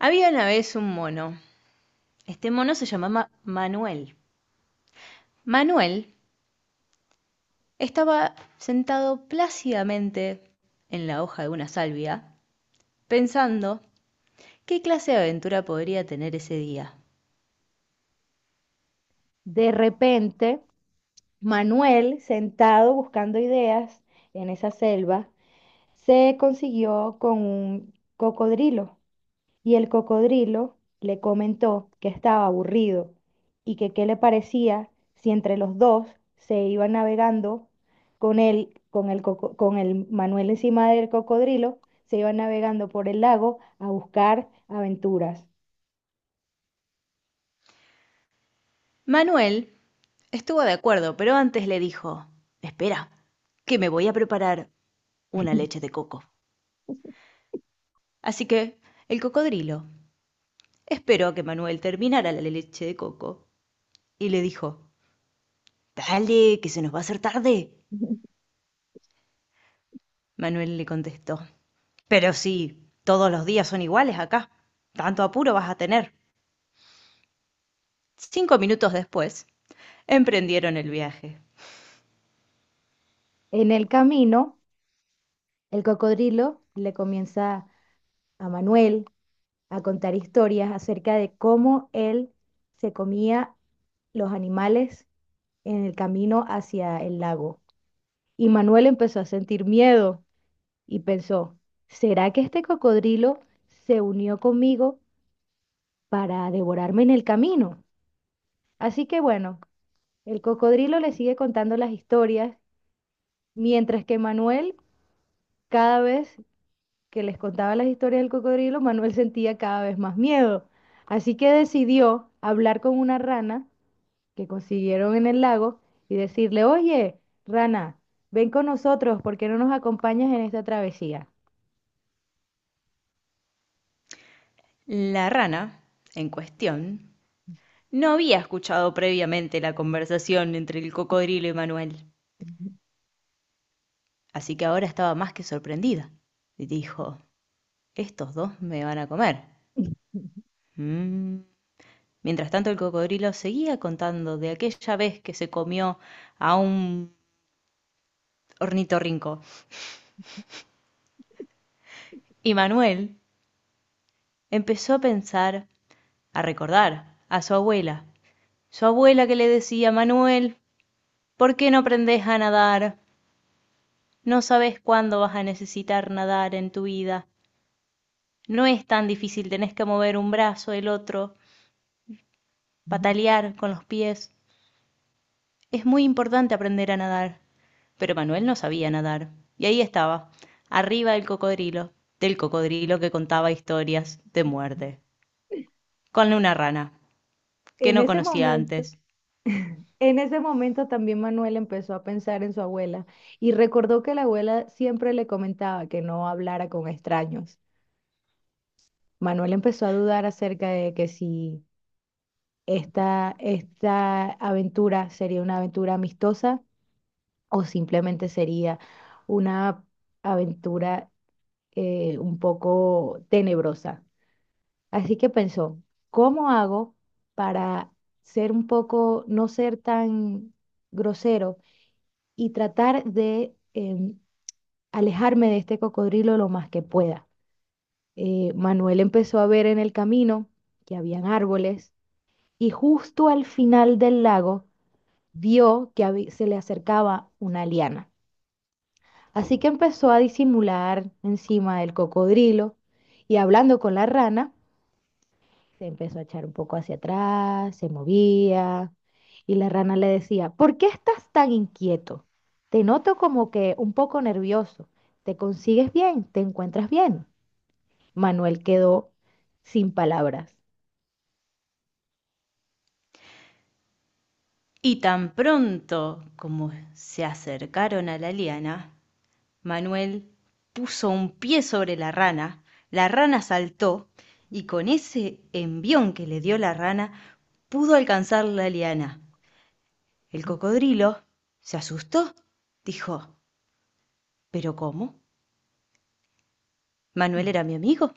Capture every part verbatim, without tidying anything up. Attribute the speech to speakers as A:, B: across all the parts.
A: Había una vez un mono. Este mono se llamaba Manuel. Manuel estaba sentado plácidamente en la hoja de una salvia, pensando qué clase de aventura podría tener ese día.
B: De repente, Manuel, sentado buscando ideas en esa selva, se consiguió con un cocodrilo y el cocodrilo le comentó que estaba aburrido y que qué le parecía si entre los dos se iban navegando con él, con el, coco- con el Manuel encima del cocodrilo, se iban navegando por el lago a buscar aventuras.
A: Manuel estuvo de acuerdo, pero antes le dijo, espera, que me voy a preparar una leche de coco. Así que el cocodrilo esperó a que Manuel terminara la leche de coco y le dijo, dale, que se nos va a hacer tarde. Manuel le contestó. Pero si todos los días son iguales acá, ¿tanto apuro vas a tener? Cinco minutos después, emprendieron el viaje.
B: En el camino, el cocodrilo le comienza a Manuel a contar historias acerca de cómo él se comía los animales en el camino hacia el lago. Y Manuel empezó a sentir miedo y pensó, ¿será que este cocodrilo se unió conmigo para devorarme en el camino? Así que bueno, el cocodrilo le sigue contando las historias, mientras que Manuel cada vez que les contaba las historias del cocodrilo, Manuel sentía cada vez más miedo. Así que decidió hablar con una rana que consiguieron en el lago y decirle, oye, rana, ven con nosotros, ¿por qué no nos acompañas en esta travesía?
A: La rana, en cuestión, no había escuchado previamente la conversación entre el cocodrilo y Manuel, así que ahora estaba más que sorprendida. Y dijo, estos dos me van a comer. Mm. Mientras tanto, el cocodrilo seguía contando de aquella vez que se comió a un ornitorrinco. Y Manuel empezó a pensar, a recordar, a su abuela. Su abuela que le decía, Manuel, ¿por qué no aprendes a nadar? No sabes cuándo vas a necesitar nadar en tu vida. No es tan difícil, tenés que mover un brazo, el otro, patalear con los pies. Es muy importante aprender a nadar. Pero Manuel no sabía nadar. Y ahí estaba, arriba del cocodrilo, del cocodrilo que contaba historias de muerte, con una rana que
B: En
A: no
B: ese
A: conocía
B: momento...
A: antes.
B: En ese momento también Manuel empezó a pensar en su abuela y recordó que la abuela siempre le comentaba que no hablara con extraños. Manuel empezó a dudar acerca de que si esta, esta aventura sería una aventura amistosa o simplemente sería una aventura eh, un poco tenebrosa. Así que pensó, ¿cómo hago para ser un poco, no ser tan grosero? Y tratar de em, alejarme de este cocodrilo lo más que pueda. Eh, Manuel empezó a ver en el camino que habían árboles y justo al final del lago vio que habí- se le acercaba una liana. Así que empezó a disimular encima del cocodrilo y hablando con la rana, se empezó a echar un poco hacia atrás, se movía, y la rana le decía, ¿por qué estás tan inquieto? Te noto como que un poco nervioso. ¿Te consigues bien? ¿Te encuentras bien? Manuel quedó sin palabras.
A: Y tan pronto como se acercaron a la liana, Manuel puso un pie sobre la rana, la rana saltó y con ese envión que le dio la rana pudo alcanzar la liana. El cocodrilo se asustó, dijo, ¿pero cómo? Manuel
B: Mm.
A: era mi amigo.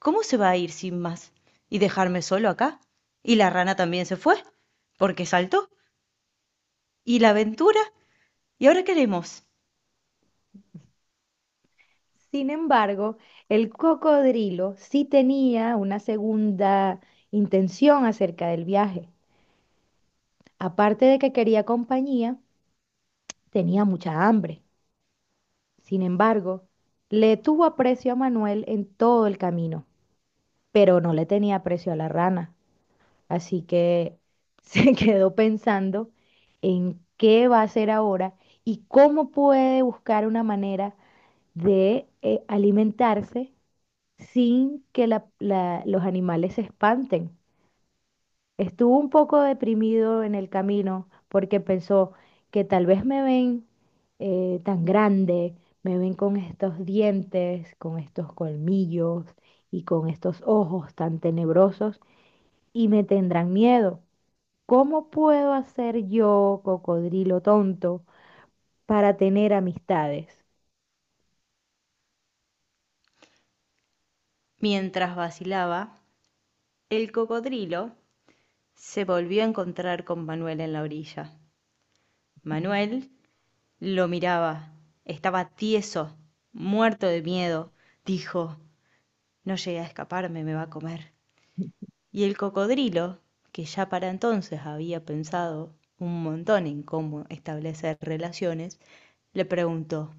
A: ¿Cómo se va a ir sin más y dejarme solo acá? Y la rana también se fue, porque saltó. ¿Y la aventura? ¿Y ahora qué haremos?
B: Sin embargo, el cocodrilo sí tenía una segunda intención acerca del viaje. Aparte de que quería compañía, tenía mucha hambre. Sin embargo, le tuvo aprecio a Manuel en todo el camino, pero no le tenía aprecio a la rana. Así que se quedó pensando en qué va a hacer ahora y cómo puede buscar una manera de eh, alimentarse sin que la- la- los animales se espanten. Estuvo un poco deprimido en el camino porque pensó que tal vez me ven eh, tan grande, me ven con estos dientes, con estos colmillos y con estos ojos tan tenebrosos y me tendrán miedo. ¿Cómo puedo hacer yo, cocodrilo tonto, para tener amistades?
A: Mientras vacilaba, el cocodrilo se volvió a encontrar con Manuel en la orilla. Manuel lo miraba. Estaba tieso, muerto de miedo. Dijo, no llegué a escaparme, me va a comer. Y el cocodrilo, que ya para entonces había pensado un montón en cómo establecer relaciones, le preguntó,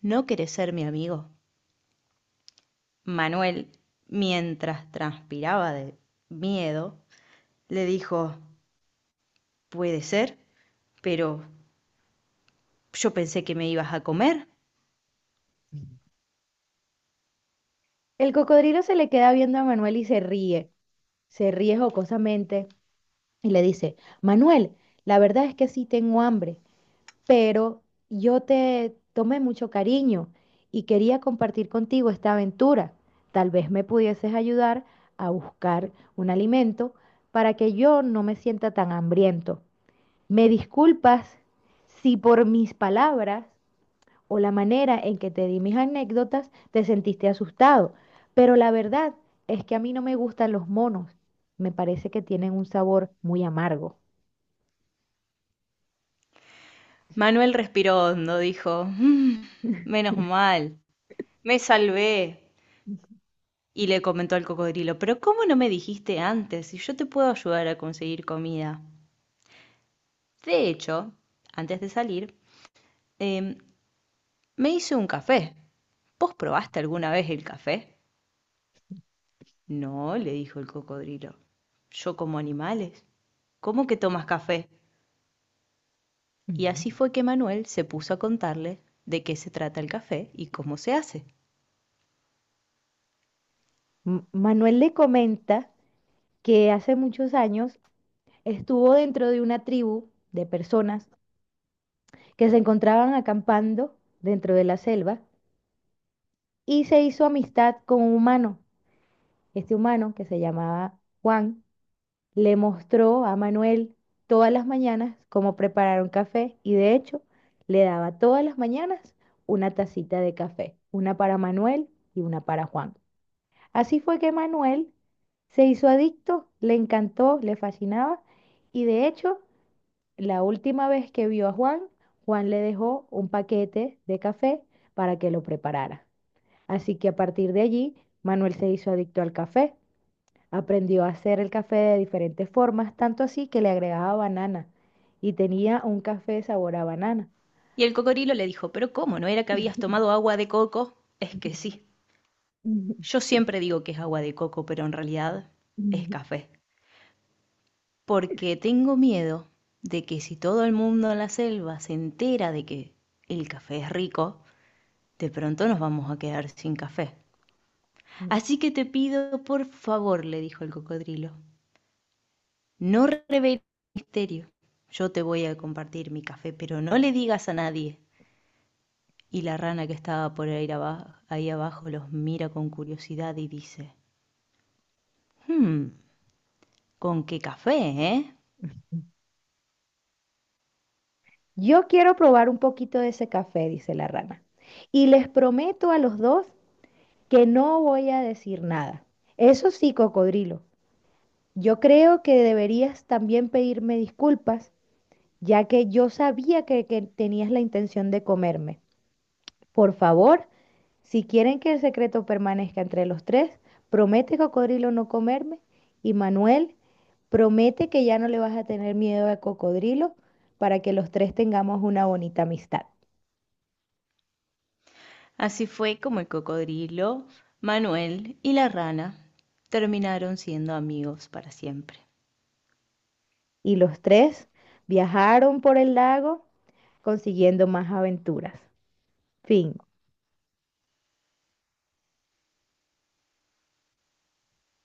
A: ¿no querés ser mi amigo? Manuel, mientras transpiraba de miedo, le dijo, puede ser, pero yo pensé que me ibas a comer.
B: El cocodrilo se le queda viendo a Manuel y se ríe, se ríe jocosamente y le dice, Manuel, la verdad es que sí tengo hambre. Pero yo te tomé mucho cariño y quería compartir contigo esta aventura. Tal vez me pudieses ayudar a buscar un alimento para que yo no me sienta tan hambriento. ¿Me disculpas si por mis palabras o la manera en que te di mis anécdotas te sentiste asustado? Pero la verdad es que a mí no me gustan los monos. Me parece que tienen un sabor muy amargo.
A: Manuel respiró hondo, dijo, "Mm, menos mal, me salvé". Y le comentó al cocodrilo, pero ¿cómo no me dijiste antes si yo te puedo ayudar a conseguir comida? De hecho, antes de salir, em, me hice un café. ¿Vos probaste alguna vez el café? No, le dijo el cocodrilo. Yo como animales. ¿Cómo que tomas café? Y así fue que Manuel se puso a contarle de qué se trata el café y cómo se hace.
B: M- Manuel le comenta que hace muchos años estuvo dentro de una tribu de personas que se encontraban acampando dentro de la selva y se hizo amistad con un humano. Este humano, que se llamaba Juan, le mostró a Manuel todas las mañanas cómo preparar un café y de hecho le daba todas las mañanas una tacita de café, una para Manuel y una para Juan. Así fue que Manuel se hizo adicto, le encantó, le fascinaba y de hecho la última vez que vio a Juan, Juan le dejó un paquete de café para que lo preparara. Así que a partir de allí, Manuel se hizo adicto al café. Aprendió a hacer el café de diferentes formas, tanto así que le agregaba banana y tenía un café sabor a banana.
A: Y el cocodrilo le dijo, pero ¿cómo? ¿No era que habías tomado agua de coco? Es que sí. Yo siempre digo que es agua de coco, pero en realidad es café. Porque tengo miedo de que si todo el mundo en la selva se entera de que el café es rico, de pronto nos vamos a quedar sin café. Así que te pido, por favor, le dijo el cocodrilo, no reveles el misterio. Yo te voy a compartir mi café, pero no le digas a nadie. Y la rana que estaba por ahí abajo, ahí abajo los mira con curiosidad y dice, "Hmm, ¿con qué café, eh?".
B: Yo quiero probar un poquito de ese café, dice la rana. Y les prometo a los dos que no voy a decir nada. Eso sí, cocodrilo, yo creo que deberías también pedirme disculpas, ya que yo sabía que, que tenías la intención de comerme. Por favor, si quieren que el secreto permanezca entre los tres, promete, cocodrilo, no comerme. Y Manuel, promete que ya no le vas a tener miedo a cocodrilo para que los tres tengamos una bonita amistad.
A: Así fue como el cocodrilo, Manuel y la rana terminaron siendo amigos para siempre.
B: Y los tres viajaron por el lago consiguiendo más aventuras. Fin.